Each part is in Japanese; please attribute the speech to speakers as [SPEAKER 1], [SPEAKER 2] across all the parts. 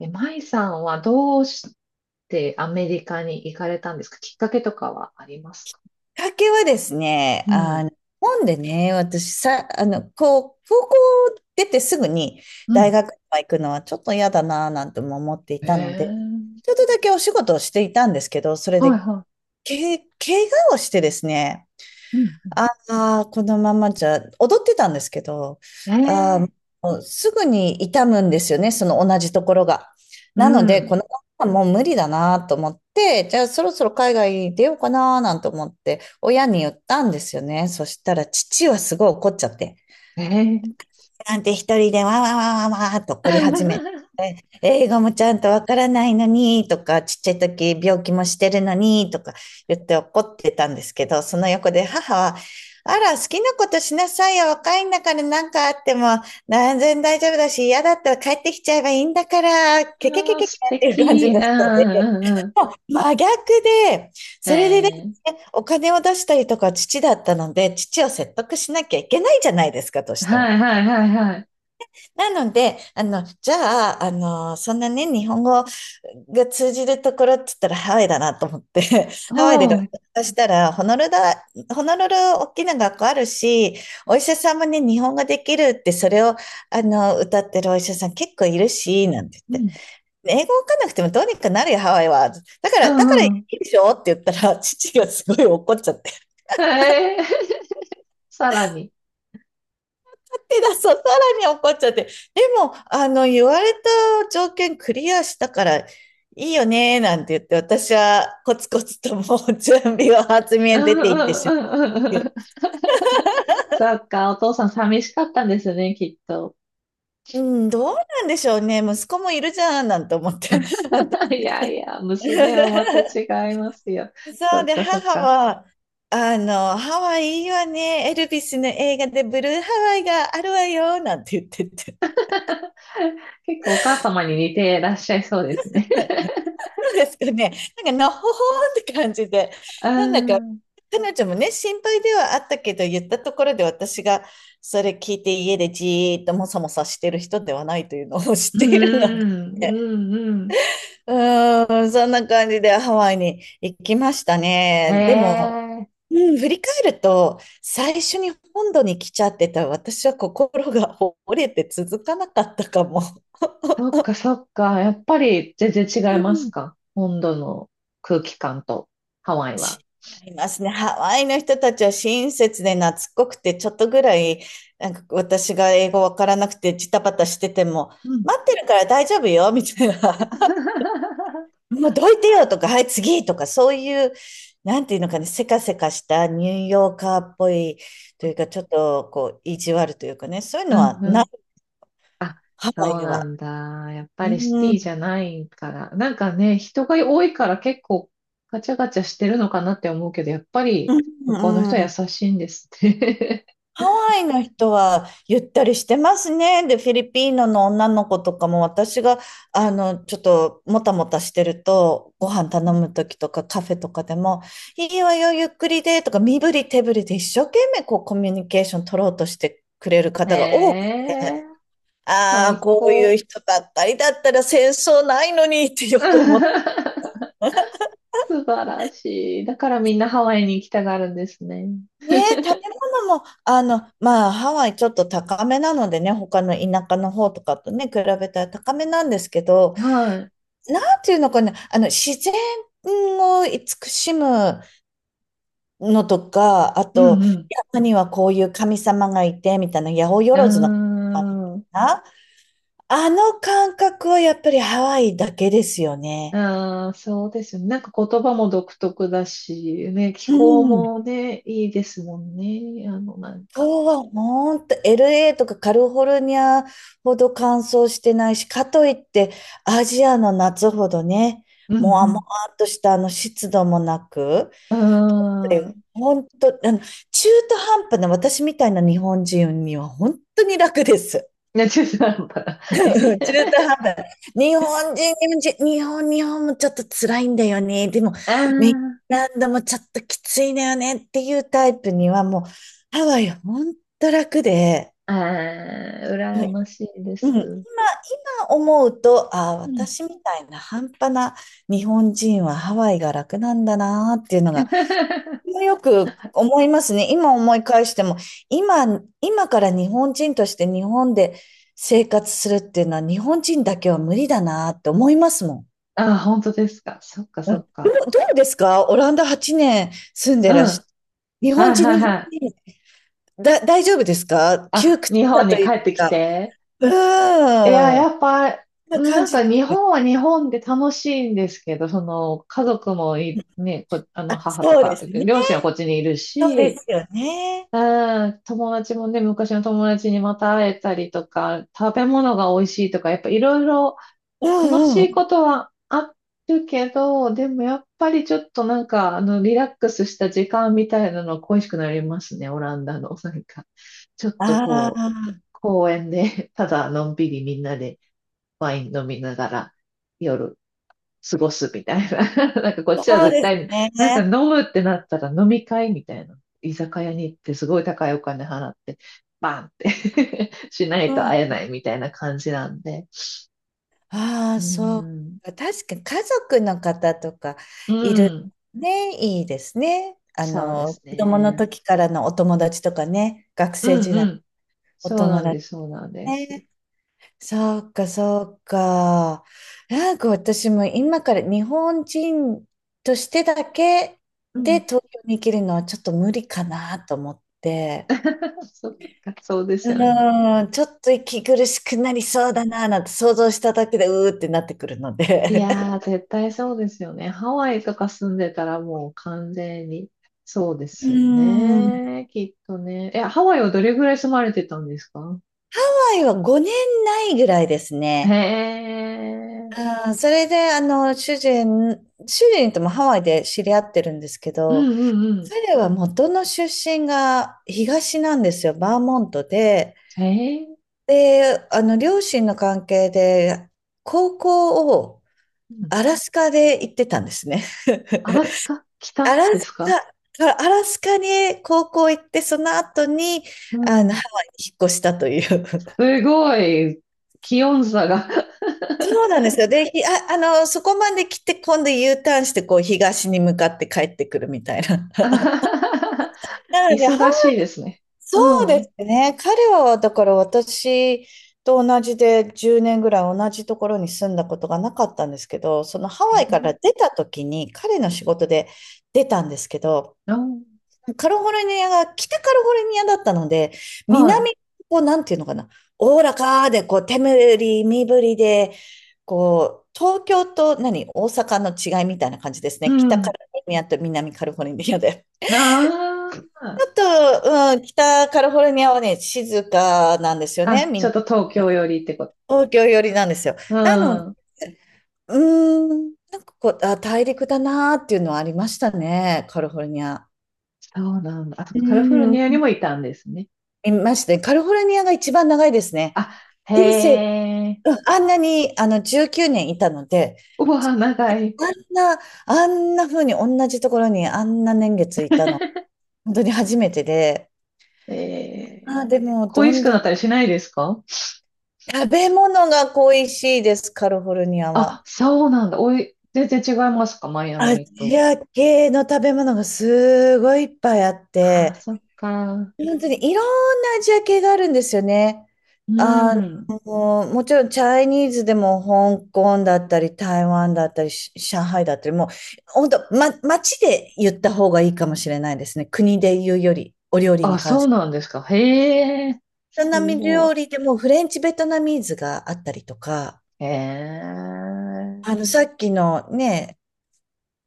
[SPEAKER 1] え、舞さんはどうしてアメリカに行かれたんですか？きっかけとかはありますか？
[SPEAKER 2] きっかけはですね、
[SPEAKER 1] うん。
[SPEAKER 2] 日本でね、私さ、こう、高校出てすぐに
[SPEAKER 1] う
[SPEAKER 2] 大
[SPEAKER 1] ん。
[SPEAKER 2] 学とか行くのはちょっと嫌だなぁなんても思ってい
[SPEAKER 1] ええ。
[SPEAKER 2] たので、ちょっとだけお仕事をしていたんですけど、それ
[SPEAKER 1] はい
[SPEAKER 2] で、
[SPEAKER 1] は
[SPEAKER 2] 怪我をしてですね、
[SPEAKER 1] い。うん。
[SPEAKER 2] あこのままじゃ、踊ってたんですけど、
[SPEAKER 1] え
[SPEAKER 2] あ
[SPEAKER 1] え。
[SPEAKER 2] ーもうすぐに痛むんですよね、その同じところが。
[SPEAKER 1] う
[SPEAKER 2] なので、
[SPEAKER 1] ん。
[SPEAKER 2] このままもう無理だなと思って、じゃあそろそろ海外に出ようかななんて思って、親に言ったんですよね。そしたら父はすごい怒っちゃって、
[SPEAKER 1] ええ。
[SPEAKER 2] なんて一人でわーわーわーわーわーっと
[SPEAKER 1] あ
[SPEAKER 2] 怒り始め英語もちゃんとわからないのにとか、ちっちゃい時病気もしてるのにとか言って怒ってたんですけど、その横で母は、あら、好きなことしなさいよ。若いんだから何かあっても、全然大丈夫だし、嫌だったら帰ってきちゃえばいいんだから、ケケケ
[SPEAKER 1] ー、
[SPEAKER 2] ケケっ
[SPEAKER 1] 素
[SPEAKER 2] ていう感じ
[SPEAKER 1] 敵。う
[SPEAKER 2] の
[SPEAKER 1] ん
[SPEAKER 2] 人で、
[SPEAKER 1] うんう
[SPEAKER 2] もう真逆で、それでで
[SPEAKER 1] ん。え
[SPEAKER 2] す
[SPEAKER 1] え。
[SPEAKER 2] ね、お金を出したりとか父だったので、父を説得しなきゃいけないじゃないですか、として
[SPEAKER 1] は
[SPEAKER 2] も。
[SPEAKER 1] いはいはいはい。
[SPEAKER 2] なので、あの、じゃあ、あの、そんなね、日本語が通じるところって言ったらハワイだなと思って、
[SPEAKER 1] お
[SPEAKER 2] ハワイで学
[SPEAKER 1] う。
[SPEAKER 2] 校したら、ホノルル大きな学校あるし、お医者さんもね、日本語できるって、それを、あの、歌ってるお医者さん結構いるし、なんて
[SPEAKER 1] う
[SPEAKER 2] 言って。
[SPEAKER 1] ん。
[SPEAKER 2] 英語わかんなくてもどうにかなるよ、ハワイは。
[SPEAKER 1] う
[SPEAKER 2] だから
[SPEAKER 1] んう
[SPEAKER 2] い
[SPEAKER 1] ん。
[SPEAKER 2] いでしょって言ったら、父がすごい怒っちゃっ
[SPEAKER 1] ええ。 さらに。
[SPEAKER 2] 手だ、そさらに怒っちゃって。でも、言われた条件クリアしたから、いいよね、なんて言って、私はコツコツともう準備を厚み
[SPEAKER 1] う
[SPEAKER 2] へ出
[SPEAKER 1] んう
[SPEAKER 2] ていって
[SPEAKER 1] ん
[SPEAKER 2] し
[SPEAKER 1] う
[SPEAKER 2] ま
[SPEAKER 1] んうんう
[SPEAKER 2] う。
[SPEAKER 1] ん。そっか、お父さん寂しかったんですね、きっと。
[SPEAKER 2] うん、どうなんでしょうね。息子もいるじゃん、なんて思って。
[SPEAKER 1] いやいや、娘はまた 違いますよ。
[SPEAKER 2] 私 そ
[SPEAKER 1] そ
[SPEAKER 2] う
[SPEAKER 1] っ
[SPEAKER 2] で、
[SPEAKER 1] かそっ
[SPEAKER 2] 母
[SPEAKER 1] か。
[SPEAKER 2] は、ハワイいいわね。エルビスの映画でブルーハワイがあるわよ、なんて言ってて。
[SPEAKER 1] 結構お母様に似てらっしゃいそうですね。
[SPEAKER 2] そうですかね。なんか、のほほーって感じで、
[SPEAKER 1] う
[SPEAKER 2] なんだか、
[SPEAKER 1] ん、
[SPEAKER 2] 彼女もね、心配ではあったけど、言ったところで私がそれ聞いて家でじーっともさもさしてる人ではないというのを 知っ
[SPEAKER 1] う
[SPEAKER 2] ているので、
[SPEAKER 1] ん、うん、うん。
[SPEAKER 2] うーん、そんな感じでハワイに行きました
[SPEAKER 1] え
[SPEAKER 2] ね。でも、
[SPEAKER 1] え。
[SPEAKER 2] うん、振り返ると、最初に本土に来ちゃってた私は心が折れて続かなかったかも。
[SPEAKER 1] そっかそっか。やっぱり全然違い
[SPEAKER 2] う
[SPEAKER 1] ます
[SPEAKER 2] ん、
[SPEAKER 1] か、本土の空気感とハワイは。
[SPEAKER 2] 違いますね。ハワイの人たちは親切で懐っこくて、ちょっとぐらい、なんか私が英語わからなくてジタバタしてても、
[SPEAKER 1] うん。
[SPEAKER 2] 待ってるから大丈夫よ、みたいな。もうどいてよとか、はい、次とか、そういう、なんていうのかね、せかせかしたニューヨーカーっぽいというか、ちょっとこう、意地悪というかね、そういう
[SPEAKER 1] う
[SPEAKER 2] のは
[SPEAKER 1] ん、う
[SPEAKER 2] な
[SPEAKER 1] ん。
[SPEAKER 2] い、
[SPEAKER 1] あ、
[SPEAKER 2] ハ
[SPEAKER 1] そ
[SPEAKER 2] ワ
[SPEAKER 1] う
[SPEAKER 2] イ
[SPEAKER 1] な
[SPEAKER 2] は。
[SPEAKER 1] んだ。やっ
[SPEAKER 2] う
[SPEAKER 1] ぱりシテ
[SPEAKER 2] ん、
[SPEAKER 1] ィ
[SPEAKER 2] う
[SPEAKER 1] じゃないから。なんかね、人が多いから結構ガチャガチャしてるのかなって思うけど、やっぱり向こうの人
[SPEAKER 2] ん、う
[SPEAKER 1] は優
[SPEAKER 2] ん。
[SPEAKER 1] しいんですね。
[SPEAKER 2] ハワイの人はゆったりしてますね。で、フィリピーノの女の子とかも私が、ちょっともたもたしてると、ご飯頼むときとかカフェとかでも、いいわよ、ゆっくりで、とか、身振り手振りで一生懸命こうコミュニケーション取ろうとしてくれる
[SPEAKER 1] へ
[SPEAKER 2] 方が多く
[SPEAKER 1] え、
[SPEAKER 2] て、ああ、
[SPEAKER 1] 最
[SPEAKER 2] こういう
[SPEAKER 1] 高。
[SPEAKER 2] 人ばっかりだったら戦争ないのにってよく思っ
[SPEAKER 1] 素晴らしい。だからみんなハワイに行きたがるんですね。
[SPEAKER 2] ねえ、食べ物も、ハワイちょっと高めなのでね、他の田舎の方とかとね、比べたら高めなんですけど、
[SPEAKER 1] はい。
[SPEAKER 2] なんていうのかな、自然を慈しむのとか、あ
[SPEAKER 1] う
[SPEAKER 2] と、
[SPEAKER 1] ん
[SPEAKER 2] 山にはこういう神様がいて、みたいな、八百
[SPEAKER 1] う
[SPEAKER 2] 万の神様みたい
[SPEAKER 1] ん。うーん。
[SPEAKER 2] な、あの感覚はやっぱりハワイだけですよね。
[SPEAKER 1] ああ、そうですよね。なんか言葉も独特だし、ね、気
[SPEAKER 2] う
[SPEAKER 1] 候
[SPEAKER 2] ん。
[SPEAKER 1] もね、いいですもんね。なんか。
[SPEAKER 2] そうはほんと LA とかカリフォルニアほど乾燥してないし、かといってアジアの夏ほどね、
[SPEAKER 1] う
[SPEAKER 2] もわもわ
[SPEAKER 1] ん
[SPEAKER 2] っとしたあの湿度もなく、
[SPEAKER 1] うん。うー
[SPEAKER 2] で
[SPEAKER 1] ん。
[SPEAKER 2] ほんと、中途半端な私みたいな日本人には本当に楽です。
[SPEAKER 1] ね、中途半端な。え。
[SPEAKER 2] 中途半端な。日本人、日本人、日本、日本もちょっと辛いんだよね。でも、
[SPEAKER 1] あ
[SPEAKER 2] メキシランドもちょっときついんだよねっていうタイプにはもう、ハワイは本当楽で、
[SPEAKER 1] あ、ああ、羨ましいで
[SPEAKER 2] うん、今
[SPEAKER 1] す。
[SPEAKER 2] 思うと、ああ、
[SPEAKER 1] うん。
[SPEAKER 2] 私みたいな半端な日本人はハワイが楽なんだなっていうのが、よく思いますね。今思い返しても、今、今から日本人として日本で生活するっていうのは日本人だけは無理だなって思いますもん。
[SPEAKER 1] ああ、本当ですか。そっか
[SPEAKER 2] う
[SPEAKER 1] そ
[SPEAKER 2] ん、ど
[SPEAKER 1] っか。
[SPEAKER 2] うどうですかオランダ8年住ん
[SPEAKER 1] う
[SPEAKER 2] で
[SPEAKER 1] ん。
[SPEAKER 2] らし、
[SPEAKER 1] は
[SPEAKER 2] 日
[SPEAKER 1] い
[SPEAKER 2] 本人、
[SPEAKER 1] は
[SPEAKER 2] 日
[SPEAKER 1] い
[SPEAKER 2] 本
[SPEAKER 1] はい。
[SPEAKER 2] 人、だ、大丈夫ですか窮
[SPEAKER 1] あ、
[SPEAKER 2] 屈
[SPEAKER 1] 日
[SPEAKER 2] さ
[SPEAKER 1] 本に
[SPEAKER 2] と
[SPEAKER 1] 帰
[SPEAKER 2] いう
[SPEAKER 1] ってき
[SPEAKER 2] か、
[SPEAKER 1] て。
[SPEAKER 2] う
[SPEAKER 1] いや、
[SPEAKER 2] ー
[SPEAKER 1] や
[SPEAKER 2] ん、
[SPEAKER 1] っぱ、
[SPEAKER 2] そんな感
[SPEAKER 1] なん
[SPEAKER 2] じ。
[SPEAKER 1] か日本は日本で楽しいんですけど、その、家族もい、ね、こ、
[SPEAKER 2] あ、
[SPEAKER 1] 母と
[SPEAKER 2] そうで
[SPEAKER 1] か、
[SPEAKER 2] すね。
[SPEAKER 1] 両親はこっちにいる
[SPEAKER 2] そうで
[SPEAKER 1] し、
[SPEAKER 2] すよね。
[SPEAKER 1] うん、友達もね、昔の友達にまた会えたりとか、食べ物が美味しいとか、やっぱいろいろ
[SPEAKER 2] う
[SPEAKER 1] 楽し
[SPEAKER 2] んう
[SPEAKER 1] い
[SPEAKER 2] ん。
[SPEAKER 1] ことはあるけど、でもやっぱりちょっとなんか、リラックスした時間みたいなの恋しくなりますね、オランダの。なんか、ちょっと
[SPEAKER 2] あ
[SPEAKER 1] こう、
[SPEAKER 2] あ、
[SPEAKER 1] 公園でただのんびりみんなで飲みながら、夜過ごすみたいな。なんかこっちは
[SPEAKER 2] そう
[SPEAKER 1] 絶
[SPEAKER 2] です
[SPEAKER 1] 対なんか
[SPEAKER 2] ね。
[SPEAKER 1] 飲むってなったら飲み会みたいな。居酒屋に行ってすごい高いお金払って、バンって しない
[SPEAKER 2] う
[SPEAKER 1] と
[SPEAKER 2] ん。
[SPEAKER 1] 会えないみたいな感じなんで。
[SPEAKER 2] ああ、
[SPEAKER 1] う
[SPEAKER 2] そう
[SPEAKER 1] ん。
[SPEAKER 2] か。確かに家族の方とか
[SPEAKER 1] う
[SPEAKER 2] いる
[SPEAKER 1] ん。
[SPEAKER 2] ね、いいですね。
[SPEAKER 1] そうです
[SPEAKER 2] 子供の
[SPEAKER 1] ね。
[SPEAKER 2] 時からのお友達とかね、学
[SPEAKER 1] う
[SPEAKER 2] 生
[SPEAKER 1] ん
[SPEAKER 2] 時
[SPEAKER 1] う
[SPEAKER 2] 代、
[SPEAKER 1] ん。
[SPEAKER 2] お
[SPEAKER 1] そう
[SPEAKER 2] 友
[SPEAKER 1] なんで
[SPEAKER 2] 達
[SPEAKER 1] す、そうなんです。
[SPEAKER 2] ね。そうか、そうか。なんか私も今から日本人としてだけ
[SPEAKER 1] う
[SPEAKER 2] で
[SPEAKER 1] ん。
[SPEAKER 2] 東京に生きるのはちょっと無理かなと思って。
[SPEAKER 1] そっか、そうです
[SPEAKER 2] う
[SPEAKER 1] よね。
[SPEAKER 2] ーん、ちょっと息苦しくなりそうだな、なんて想像しただけで、うーってなってくるの
[SPEAKER 1] い
[SPEAKER 2] で。
[SPEAKER 1] やー、絶対そうですよね。ハワイとか住んでたらもう完全にそうで
[SPEAKER 2] うー
[SPEAKER 1] すよ
[SPEAKER 2] ん。ハ
[SPEAKER 1] ね。きっとね。え、ハワイはどれぐらい住まれてたんですか？
[SPEAKER 2] ワイは5年ないぐらいです
[SPEAKER 1] へ
[SPEAKER 2] ね。
[SPEAKER 1] え。
[SPEAKER 2] うん、それで、主人ともハワイで知り合ってるんですけ
[SPEAKER 1] う
[SPEAKER 2] ど、
[SPEAKER 1] んうんうん。
[SPEAKER 2] 彼は元の出身が東なんですよ、バーモントで。
[SPEAKER 1] へえ。
[SPEAKER 2] で、両親の関係で、高校を
[SPEAKER 1] うん。
[SPEAKER 2] アラスカで行ってたんですね。
[SPEAKER 1] アラスカ
[SPEAKER 2] ア
[SPEAKER 1] 北
[SPEAKER 2] ラ
[SPEAKER 1] で
[SPEAKER 2] ス
[SPEAKER 1] すか？
[SPEAKER 2] アラスカに高校行って、その後に、
[SPEAKER 1] う
[SPEAKER 2] ハ
[SPEAKER 1] ん。
[SPEAKER 2] ワイに引っ越したという。
[SPEAKER 1] すごい、気温差が。
[SPEAKER 2] そうなんですよ。で、ひあ、あの、そこまで来て、今度 U ターンして、こう、東に向かって帰ってくるみたいな。なので、ハワ
[SPEAKER 1] 忙
[SPEAKER 2] イ
[SPEAKER 1] しいですね。
[SPEAKER 2] そう
[SPEAKER 1] う
[SPEAKER 2] で
[SPEAKER 1] ん。
[SPEAKER 2] すね。彼は、だから私と同じで、10年ぐらい同じところに住んだことがなかったんですけど、そのハ
[SPEAKER 1] へ
[SPEAKER 2] ワ
[SPEAKER 1] え。
[SPEAKER 2] イから出た時に、彼の仕事で出たんですけど、
[SPEAKER 1] あ、
[SPEAKER 2] カリフォルニアが北カリフォルニアだったので、
[SPEAKER 1] はい。
[SPEAKER 2] 南、こう、なんていうのかな、おおらかで、こう、手振り、身振りで、こう、東京と大阪の違いみたいな感じです
[SPEAKER 1] う
[SPEAKER 2] ね。北カ
[SPEAKER 1] ん。
[SPEAKER 2] リフォルニアと南カリフォルニアで。
[SPEAKER 1] あ
[SPEAKER 2] ち
[SPEAKER 1] あ。
[SPEAKER 2] ょっと、うん、北カリフォルニアはね、静かなんですよね。
[SPEAKER 1] あ、
[SPEAKER 2] みん
[SPEAKER 1] ちょ
[SPEAKER 2] な、
[SPEAKER 1] っと東京寄りってこと？
[SPEAKER 2] 東京寄りなんですよ。
[SPEAKER 1] う
[SPEAKER 2] なの、
[SPEAKER 1] ん。
[SPEAKER 2] うーん、なんかこう、あ、大陸だなーっていうのはありましたね、カリフォルニア。
[SPEAKER 1] そうなんだ。あ、と
[SPEAKER 2] う
[SPEAKER 1] カリフォルニアにも
[SPEAKER 2] ん。
[SPEAKER 1] いたんですね。
[SPEAKER 2] いましたね。カリフォルニアが一番長いですね。
[SPEAKER 1] あ、へ
[SPEAKER 2] 人生、
[SPEAKER 1] え。
[SPEAKER 2] うんあんなに、19年いたので、
[SPEAKER 1] うわ、長い。
[SPEAKER 2] あんな、あんな風に同じところにあんな年月いたの、本当に初めてで、
[SPEAKER 1] え
[SPEAKER 2] あ
[SPEAKER 1] え。
[SPEAKER 2] ー、でも、ど
[SPEAKER 1] 恋し
[SPEAKER 2] ん
[SPEAKER 1] く
[SPEAKER 2] ど
[SPEAKER 1] な
[SPEAKER 2] ん
[SPEAKER 1] ったりしないですか？
[SPEAKER 2] 食べ物が恋しいです、カリフォルニア
[SPEAKER 1] あ、
[SPEAKER 2] は。
[SPEAKER 1] そうなんだ。おい、全然違いますか、マイア
[SPEAKER 2] ア
[SPEAKER 1] ミ
[SPEAKER 2] ジ
[SPEAKER 1] と。
[SPEAKER 2] ア系の食べ物がすごいいっぱいあっ
[SPEAKER 1] あ、
[SPEAKER 2] て、
[SPEAKER 1] そっか。
[SPEAKER 2] 本当にいろんなアジア系があるんですよね。
[SPEAKER 1] う
[SPEAKER 2] あ
[SPEAKER 1] ん。
[SPEAKER 2] もちろんチャイニーズでも香港だったり、台湾だったり、し上海だったり、もう本当、ま、街で言った方がいいかもしれないですね。国で言うより、お料理
[SPEAKER 1] あ、
[SPEAKER 2] に関
[SPEAKER 1] そ
[SPEAKER 2] し
[SPEAKER 1] う
[SPEAKER 2] て。
[SPEAKER 1] なんですか。へえ。
[SPEAKER 2] ベ
[SPEAKER 1] す
[SPEAKER 2] トナム
[SPEAKER 1] ご
[SPEAKER 2] 料理でもフレンチベトナミーズがあったりとか、
[SPEAKER 1] い。へえ。
[SPEAKER 2] さっきのね、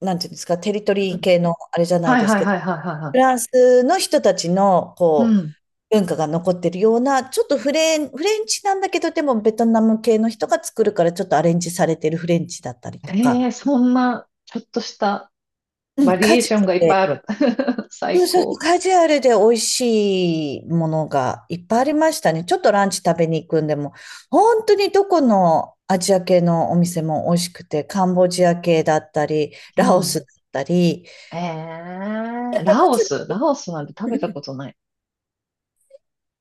[SPEAKER 2] なんていうんですか、テリト
[SPEAKER 1] う
[SPEAKER 2] リー
[SPEAKER 1] ん。
[SPEAKER 2] 系のあれじゃない
[SPEAKER 1] はい
[SPEAKER 2] です
[SPEAKER 1] はい
[SPEAKER 2] けど、
[SPEAKER 1] はいはいはいは
[SPEAKER 2] フランスの人たちの、
[SPEAKER 1] い。う
[SPEAKER 2] こ
[SPEAKER 1] ん。
[SPEAKER 2] 文化が残ってるような、ちょっとフレンチなんだけど、でもベトナム系の人が作るからちょっとアレンジされてるフレンチだったりと
[SPEAKER 1] へ
[SPEAKER 2] か、
[SPEAKER 1] え、そんな、ちょっとした
[SPEAKER 2] う
[SPEAKER 1] バ
[SPEAKER 2] ん、
[SPEAKER 1] リ
[SPEAKER 2] カ
[SPEAKER 1] エー
[SPEAKER 2] ジュ
[SPEAKER 1] ションがいっ
[SPEAKER 2] アル
[SPEAKER 1] ぱい
[SPEAKER 2] で、
[SPEAKER 1] ある。
[SPEAKER 2] そ
[SPEAKER 1] 最
[SPEAKER 2] うそう
[SPEAKER 1] 高。
[SPEAKER 2] カジュアルで美味しいものがいっぱいありましたね。ちょっとランチ食べに行くんでも、本当にどこのアジア系のお店も美味しくて、カンボジア系だったり、
[SPEAKER 1] う
[SPEAKER 2] ラオス
[SPEAKER 1] ん。
[SPEAKER 2] だったり、
[SPEAKER 1] ええ。ラオス、ラオスなんて食べたことない。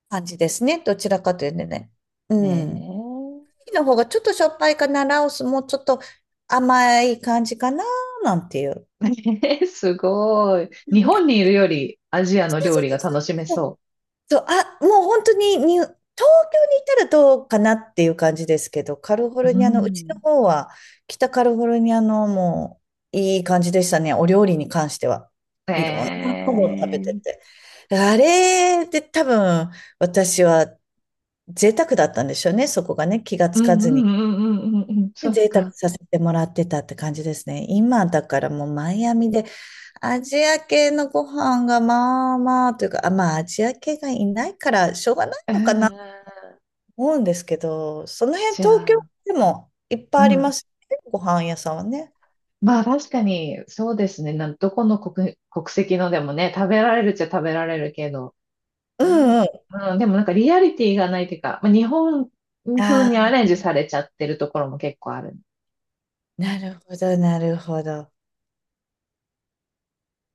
[SPEAKER 2] 感じですね。どちらかというとね。うん。
[SPEAKER 1] え
[SPEAKER 2] キの方がちょっとしょっぱいかな、ラオスもちょっと甘い感じかな、なんていう。
[SPEAKER 1] え。 すごい。日本にいるよりアジア
[SPEAKER 2] そ
[SPEAKER 1] の
[SPEAKER 2] う
[SPEAKER 1] 料
[SPEAKER 2] そう
[SPEAKER 1] 理が
[SPEAKER 2] そ
[SPEAKER 1] 楽
[SPEAKER 2] う
[SPEAKER 1] しめ
[SPEAKER 2] そう。
[SPEAKER 1] そ
[SPEAKER 2] そう、あ、もう本当にに、東京にいたらどうかなっていう感じですけど、カリフォ
[SPEAKER 1] う。う
[SPEAKER 2] ルニアの、うちの
[SPEAKER 1] ん。
[SPEAKER 2] 方は、北カリフォルニアのもういい感じでしたね、お料理に関しては。いろんなものを食べて
[SPEAKER 1] ええ。
[SPEAKER 2] て。あれで多分、私は贅沢だったんでしょうね、そこがね、気がつ
[SPEAKER 1] う
[SPEAKER 2] か
[SPEAKER 1] んう
[SPEAKER 2] ずに。
[SPEAKER 1] んうんうんうんうん、
[SPEAKER 2] で
[SPEAKER 1] そっ
[SPEAKER 2] 贅沢
[SPEAKER 1] か。
[SPEAKER 2] させてもらってたって感じですね。今だからもうマイアミでアジア系のご飯がまあまあというか、あ、まあアジア系がいないからしょうがないのかなと
[SPEAKER 1] ええ。
[SPEAKER 2] 思うんですけど、その辺
[SPEAKER 1] じゃ
[SPEAKER 2] 東京
[SPEAKER 1] あ、
[SPEAKER 2] でもいっぱ
[SPEAKER 1] う
[SPEAKER 2] いあり
[SPEAKER 1] ん。
[SPEAKER 2] ますね。ご飯屋さんはね。
[SPEAKER 1] まあ確かに、そうですね。なんどこの国、国籍のでもね、食べられるっちゃ食べられるけど、
[SPEAKER 2] う
[SPEAKER 1] なん
[SPEAKER 2] んうん。
[SPEAKER 1] か、うん、でもなんかリアリティがないというか、まあ、日本風
[SPEAKER 2] あ
[SPEAKER 1] にア
[SPEAKER 2] あ、
[SPEAKER 1] レンジされちゃってるところも結構ある。
[SPEAKER 2] なるほど、なるほど。